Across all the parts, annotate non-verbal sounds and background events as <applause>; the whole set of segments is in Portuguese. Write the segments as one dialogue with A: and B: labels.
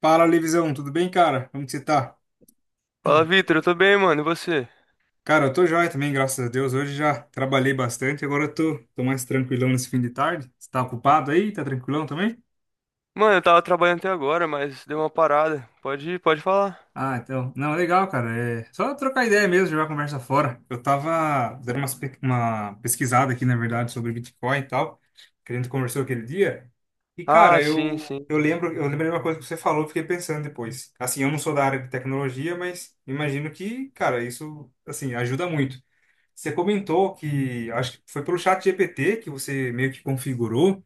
A: Fala, Levisão, tudo bem, cara? Como que você tá?
B: Fala, Vitor, eu tô bem, mano, e você?
A: Cara, eu tô joia também, graças a Deus. Hoje já trabalhei bastante, agora eu tô mais tranquilão nesse fim de tarde. Você tá ocupado aí? Tá tranquilão também?
B: Mano, eu tava trabalhando até agora, mas deu uma parada. Pode ir, pode falar.
A: Ah, então. Não, legal, cara. É só trocar ideia mesmo, jogar a conversa fora. Eu tava dando uma pesquisada aqui, na verdade, sobre Bitcoin e tal, que a gente conversou aquele dia. E, cara,
B: Ah, sim, sim.
A: eu lembrei de uma coisa que você falou, fiquei pensando depois. Assim, eu não sou da área de tecnologia, mas imagino que, cara, isso, assim, ajuda muito. Você comentou que acho que foi pelo chat GPT que você meio que configurou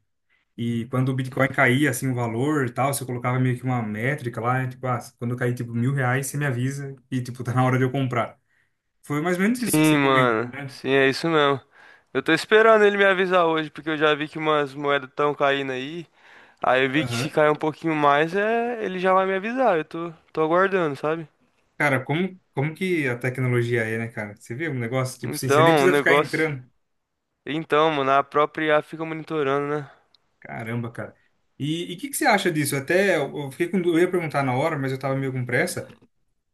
A: e quando o Bitcoin caía assim o valor e tal, você colocava meio que uma métrica lá, tipo, ah, quando cair tipo mil reais, você me avisa e tipo, tá na hora de eu comprar. Foi mais ou menos isso que
B: Sim,
A: você comentou,
B: mano.
A: né?
B: Sim, é isso mesmo. Eu tô esperando ele me avisar hoje, porque eu já vi que umas moedas tão caindo aí. Aí eu vi que se
A: Aham.
B: cair um pouquinho mais, ele já vai me avisar. Eu tô aguardando, sabe?
A: Cara, como que a tecnologia é, né, cara? Você vê um negócio, tipo assim, você nem
B: Então, o
A: precisa ficar
B: negócio.
A: entrando.
B: Então, mano, a própria IA fica monitorando, né?
A: Caramba, cara. E que você acha disso? Até eu fiquei com, eu ia perguntar na hora, mas eu tava meio com pressa.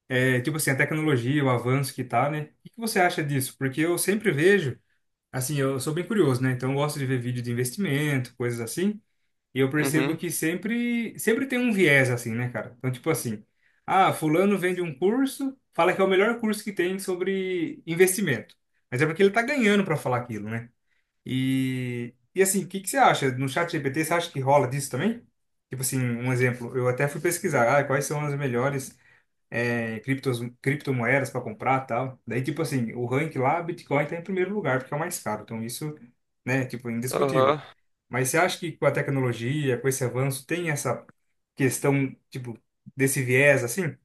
A: É, tipo assim, a tecnologia, o avanço que tá, né? O que que você acha disso? Porque eu sempre vejo, assim, eu sou bem curioso, né? Então eu gosto de ver vídeo de investimento, coisas assim, e eu percebo
B: Uhum.
A: que sempre tem um viés assim, né, cara? Então, tipo assim, ah, fulano vende um curso, fala que é o melhor curso que tem sobre investimento. Mas é porque ele tá ganhando para falar aquilo, né? E assim, o que que você acha? No chat GPT, você acha que rola disso também? Tipo assim, um exemplo, eu até fui pesquisar, ah, quais são as melhores é, criptos, criptomoedas para comprar tal. Daí, tipo assim, o rank lá, Bitcoin tá em primeiro lugar, porque é o mais caro. Então, isso, né, tipo, é indiscutível.
B: Aham.
A: Mas você acha que com a tecnologia, com esse avanço, tem essa questão, tipo, desse viés, assim?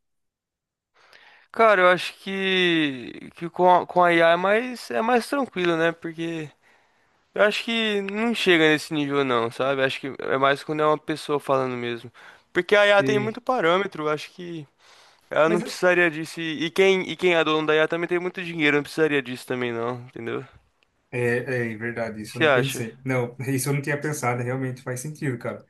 B: Cara, eu acho que, que com a IA é mais tranquilo, né? Porque eu acho que não chega nesse nível não, sabe? Acho que é mais quando é uma pessoa falando mesmo. Porque a IA tem muito
A: E,
B: parâmetro, acho que ela não
A: mas
B: precisaria disso. E quem é dono da IA também tem muito dinheiro, não precisaria disso também não, entendeu? O
A: é, é verdade, isso
B: que
A: eu
B: você
A: não
B: acha?
A: pensei. Não, <laughs> isso eu não tinha pensado, realmente faz sentido, cara.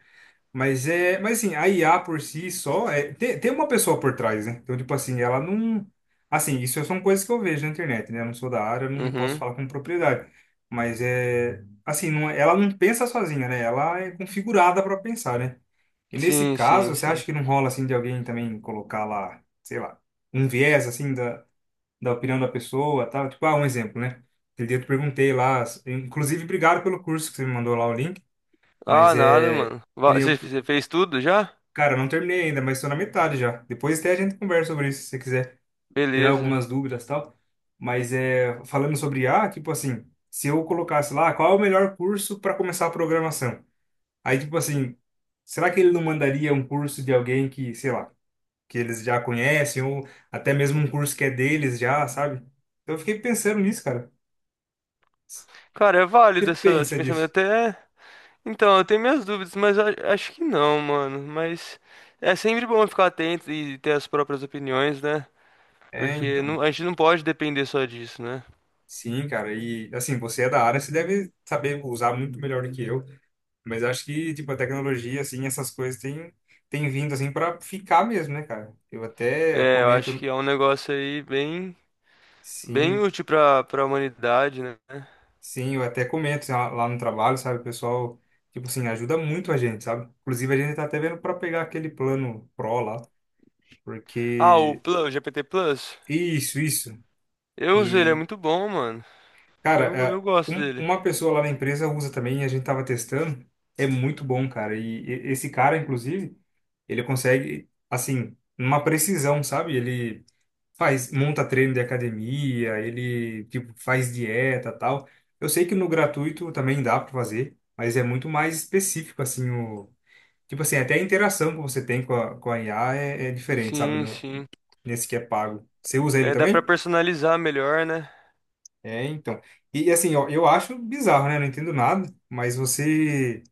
A: Mas é, mas assim, a IA por si só é, tem uma pessoa por trás, né? Então, tipo assim, ela não, assim, isso é, são coisas que eu vejo na internet, né? Eu não sou da área, eu não posso
B: Uhum.
A: falar com propriedade, mas é, assim, não, é, ela não pensa sozinha, né? Ela é configurada para pensar, né? E nesse
B: Sim,
A: caso,
B: sim,
A: você
B: sim.
A: acha que não rola assim de alguém também colocar lá, sei lá, um viés assim da, da opinião da pessoa, tal? Tipo, ah, um exemplo, né? Aquele dia eu te perguntei lá, inclusive obrigado pelo curso que você me mandou lá o link,
B: Ah,
A: mas
B: nada,
A: é
B: mano.
A: que nem eu.
B: Você fez tudo já?
A: Cara, eu não terminei ainda, mas estou na metade já. Depois até a gente conversa sobre isso, se você quiser tirar
B: Beleza.
A: algumas dúvidas e tal. Mas é, falando sobre IA, tipo assim, se eu colocasse lá, qual é o melhor curso para começar a programação? Aí, tipo assim, será que ele não mandaria um curso de alguém que, sei lá, que eles já conhecem, ou até mesmo um curso que é deles já, sabe? Então eu fiquei pensando nisso, cara.
B: Cara, é válido
A: Você
B: esse
A: pensa
B: pensamento
A: disso?
B: até. Então, eu tenho minhas dúvidas, mas acho que não, mano. Mas é sempre bom ficar atento e ter as próprias opiniões, né?
A: É,
B: Porque
A: então.
B: a gente não pode depender só disso, né?
A: Sim, cara. E assim, você é da área, você deve saber usar muito melhor do que eu. Mas eu acho que, tipo, a tecnologia, assim, essas coisas têm, têm vindo, assim, para ficar mesmo, né, cara? Eu até
B: É, eu acho
A: comento,
B: que é um negócio aí bem, bem
A: sim,
B: útil pra humanidade, né?
A: sim, eu até comento assim, lá no trabalho, sabe? O pessoal, tipo assim, ajuda muito a gente, sabe? Inclusive, a gente tá até vendo para pegar aquele plano Pro lá,
B: Ah, o
A: porque...
B: Plus, o GPT Plus.
A: Isso, isso.
B: Eu uso ele, é
A: E,
B: muito bom, mano.
A: cara,
B: Eu,
A: é,
B: eu gosto dele.
A: uma pessoa lá na empresa usa também, a gente tava testando, é muito bom, cara. E esse cara, inclusive, ele consegue, assim, uma precisão, sabe? Ele... faz, monta treino de academia, ele tipo faz dieta, tal. Eu sei que no gratuito também dá para fazer, mas é muito mais específico assim o tipo assim, até a interação que você tem com a IA é, é diferente, sabe,
B: Sim,
A: no
B: sim.
A: nesse que é pago. Você usa ele
B: É, dá pra
A: também?
B: personalizar melhor, né?
A: É, então. E assim, ó, eu acho bizarro, né? Não entendo nada, mas você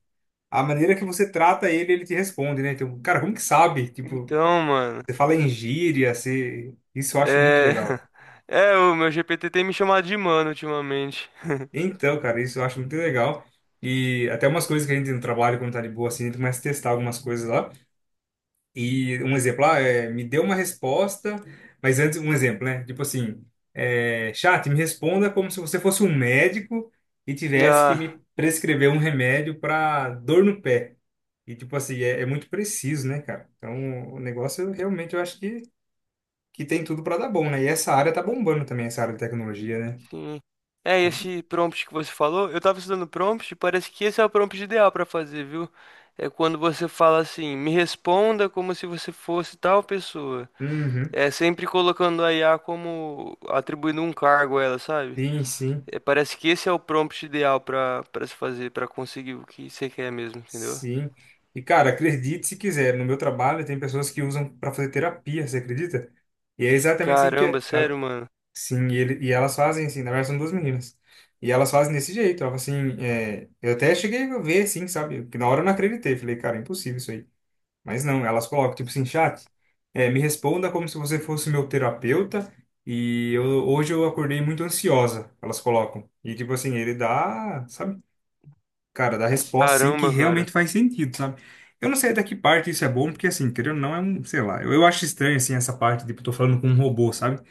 A: a maneira que você trata ele, ele te responde, né? Então, cara, como que sabe? Tipo,
B: Então, mano.
A: você fala em gíria, você... isso eu acho muito
B: É.
A: legal.
B: <laughs> É, o meu GPT tem me chamado de mano ultimamente.
A: Então, cara, isso eu acho muito legal. E até umas coisas que a gente no trabalho, quando tá de boa, assim, a gente começa a testar algumas coisas lá. E um exemplo lá é, me deu uma resposta, mas antes, um exemplo, né? Tipo assim, é, chat, me responda como se você fosse um médico e tivesse que
B: Ah.
A: me prescrever um remédio para dor no pé. E, tipo assim, é, é muito preciso, né, cara? Então, o negócio, realmente, eu acho que tem tudo para dar bom, né? E essa área tá bombando também, essa área de tecnologia, né?
B: Sim. É,
A: A gente.
B: esse prompt que você falou, eu tava estudando prompt e parece que esse é o prompt ideal pra fazer, viu? É quando você fala assim, me responda como se você fosse tal pessoa.
A: Uhum.
B: É sempre colocando a IA como atribuindo um cargo a ela, sabe?
A: Sim, sim.
B: É, parece que esse é o prompt ideal pra para se fazer, pra conseguir o que você quer mesmo, entendeu?
A: Sim. E, cara, acredite se quiser, no meu trabalho tem pessoas que usam para fazer terapia, você acredita? E é exatamente assim que
B: Caramba,
A: é, ela,
B: sério, mano.
A: sim, e, ele, e elas fazem assim, na verdade são duas meninas. E elas fazem desse jeito, ela fala assim, é, eu até cheguei a ver assim, sabe? Que na hora eu não acreditei, falei, cara, é impossível isso aí. Mas não, elas colocam tipo assim, chat, é, me responda como se você fosse meu terapeuta e eu, hoje eu acordei muito ansiosa, elas colocam. E tipo assim, ele dá, sabe? Cara, dar resposta assim que
B: Caramba, cara.
A: realmente faz sentido, sabe? Eu não sei até que parte isso é bom, porque assim, querendo ou não, é um, sei lá, eu acho estranho assim essa parte, tipo, eu tô falando com um robô, sabe?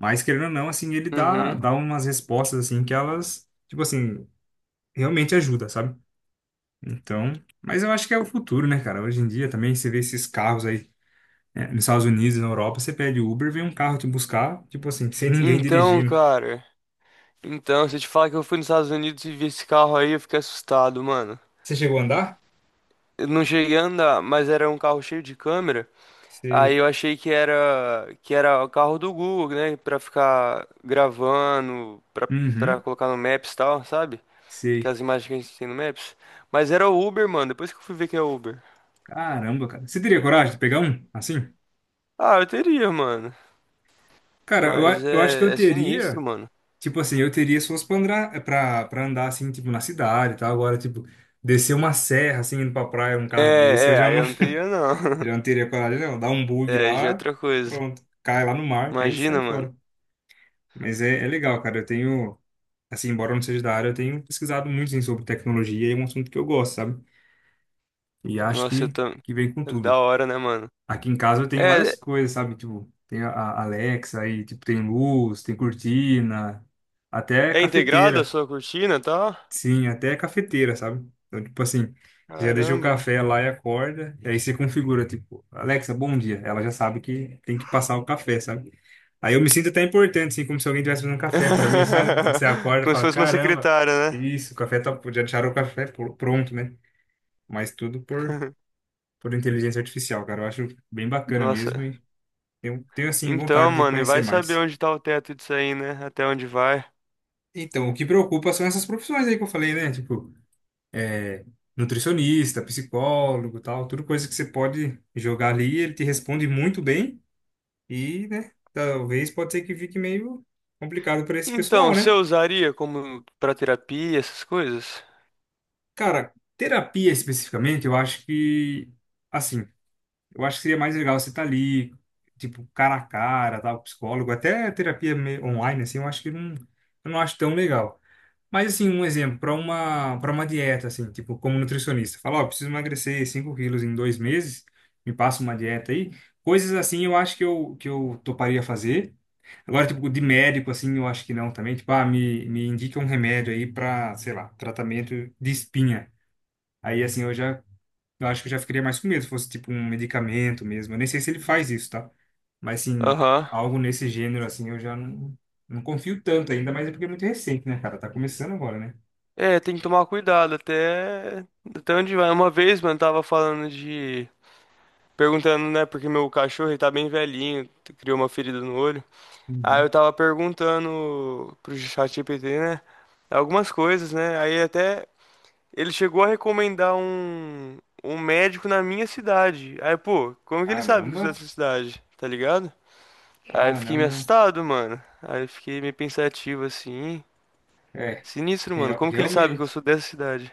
A: Mas querendo ou não, assim, ele
B: Uhum.
A: dá umas respostas assim que elas, tipo assim, realmente ajuda, sabe? Então, mas eu acho que é o futuro, né, cara? Hoje em dia também você vê esses carros aí, né, nos Estados Unidos, na Europa, você pede Uber, vem um carro te buscar, tipo assim, sem ninguém
B: Então,
A: dirigindo.
B: cara. Então, se eu te falar que eu fui nos Estados Unidos e vi esse carro aí, eu fiquei assustado, mano.
A: Você chegou a andar?
B: Eu não cheguei a andar, mas era um carro cheio de câmera. Aí
A: Sei.
B: eu achei que era o carro do Google, né, pra ficar gravando, pra para
A: Uhum,
B: colocar no Maps e tal, sabe? Que
A: sei.
B: as imagens que a gente tem no Maps. Mas era o Uber, mano. Depois que eu fui ver que é Uber.
A: Caramba, cara. Você teria coragem de pegar um assim?
B: Ah, eu teria, mano.
A: Cara,
B: Mas
A: eu acho que eu
B: é, é sinistro,
A: teria,
B: mano.
A: tipo assim, eu teria se fosse pra andar, pra andar assim, tipo, na cidade e tal. Agora, tipo, descer uma serra, assim, indo pra praia, um
B: É,
A: carro desse, eu
B: é,
A: já
B: aí
A: não,
B: eu não teria não.
A: <laughs>
B: <laughs>
A: já não teria coragem, não. Dá um bug
B: É, aí já é
A: lá,
B: outra coisa.
A: pronto, cai lá no mar, aí sai
B: Imagina, mano.
A: fora. Mas é, é legal, cara. Eu tenho, assim, embora eu não seja da área, eu tenho pesquisado muito, assim, sobre tecnologia e é um assunto que eu gosto, sabe? E acho
B: Nossa, eu tô...
A: que vem com tudo.
B: Da hora, né, mano?
A: Aqui em casa eu tenho
B: É,
A: várias coisas, sabe? Tipo, tem a Alexa aí, tipo, tem luz, tem cortina, até
B: é integrada a
A: cafeteira.
B: sua cortina, tá?
A: Sim, até cafeteira, sabe? Então, tipo assim, você já deixa o
B: Caramba.
A: café lá e acorda, e aí você configura, tipo, Alexa, bom dia. Ela já sabe que tem que passar o café, sabe? Aí eu me sinto até importante, assim, como se alguém estivesse fazendo café pra mim, sabe? Quando você
B: <laughs>
A: acorda,
B: Como se
A: fala,
B: fosse uma
A: caramba,
B: secretária, né?
A: isso, o café tá, já deixaram o café pronto, né? Mas tudo
B: <laughs>
A: por inteligência artificial, cara. Eu acho bem bacana mesmo,
B: Nossa.
A: eu tenho, assim,
B: Então,
A: vontade de
B: mano, e
A: conhecer
B: vai saber
A: mais.
B: onde tá o teto disso aí, né? Até onde vai.
A: Então, o que preocupa são essas profissões aí que eu falei, né? Tipo, é, nutricionista, psicólogo, tal, tudo coisa que você pode jogar ali, ele te responde muito bem e, né, talvez pode ser que fique meio complicado para esse
B: Então,
A: pessoal,
B: você
A: né?
B: usaria como pra terapia, essas coisas?
A: Cara, terapia especificamente, eu acho que assim, eu acho que seria mais legal você estar ali, tipo, cara a cara, tal, psicólogo, até terapia online assim, eu acho que não, eu não acho tão legal. Mas assim, um exemplo, para uma dieta, assim, tipo, como nutricionista, fala, ó, preciso emagrecer 5 quilos em dois meses, me passa uma dieta aí. Coisas assim eu acho que que eu toparia fazer. Agora, tipo, de médico, assim, eu acho que não também. Tipo, ah, me indica um remédio aí para, sei lá, tratamento de espinha. Aí, assim, eu já, eu acho que eu já ficaria mais com medo se fosse, tipo, um medicamento mesmo. Eu nem sei se ele faz isso, tá? Mas, assim,
B: Aham.
A: algo nesse gênero, assim, eu já não, não confio tanto ainda, mas é porque é muito recente, né, cara? Tá começando agora, né?
B: É, tem que tomar cuidado até até onde vai. Uma vez, mano, tava falando de perguntando, né, porque meu cachorro ele tá bem velhinho, criou uma ferida no olho. Aí
A: Uhum.
B: eu tava perguntando pro ChatGPT, né, algumas coisas, né? Aí até ele chegou a recomendar um, um médico na minha cidade. Aí, pô, como que ele sabe que eu sou
A: Caramba,
B: dessa cidade? Tá ligado? Aí fiquei meio
A: caramba.
B: assustado, mano. Aí fiquei meio pensativo assim.
A: É,
B: Sinistro, mano. Como que ele sabe que eu
A: realmente,
B: sou dessa cidade?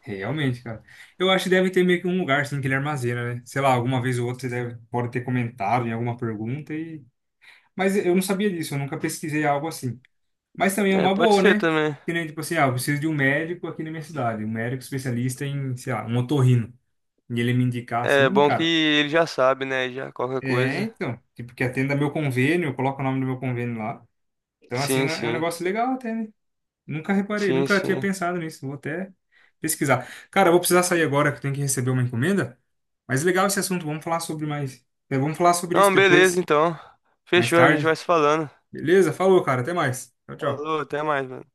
A: realmente, cara. Eu acho que deve ter meio que um lugar assim que ele armazena, né? Sei lá, alguma vez ou outra você deve, pode ter comentado em alguma pergunta e. Mas eu não sabia disso, eu nunca pesquisei algo assim. Mas também é
B: É,
A: uma
B: pode
A: boa,
B: ser
A: né?
B: também.
A: Que nem tipo assim, ah, eu preciso de um médico aqui na minha cidade, um médico especialista em, sei lá, um otorrino. E ele me indicar
B: É
A: assim,
B: bom que
A: cara.
B: ele já sabe, né? Já qualquer
A: É,
B: coisa.
A: então, tipo, que atenda meu convênio, eu coloco o nome do meu convênio lá. Então, assim,
B: Sim,
A: é um
B: sim.
A: negócio legal até, né? Nunca reparei,
B: Sim,
A: nunca tinha
B: sim.
A: pensado nisso. Vou até pesquisar. Cara, eu vou precisar sair agora que eu tenho que receber uma encomenda. Mas legal esse assunto, vamos falar sobre mais. É, vamos falar sobre isso
B: Não, beleza,
A: depois,
B: então.
A: mais
B: Fechou, a gente vai
A: tarde.
B: se falando.
A: Beleza? Falou, cara, até mais. Tchau, tchau.
B: Falou, até mais, mano.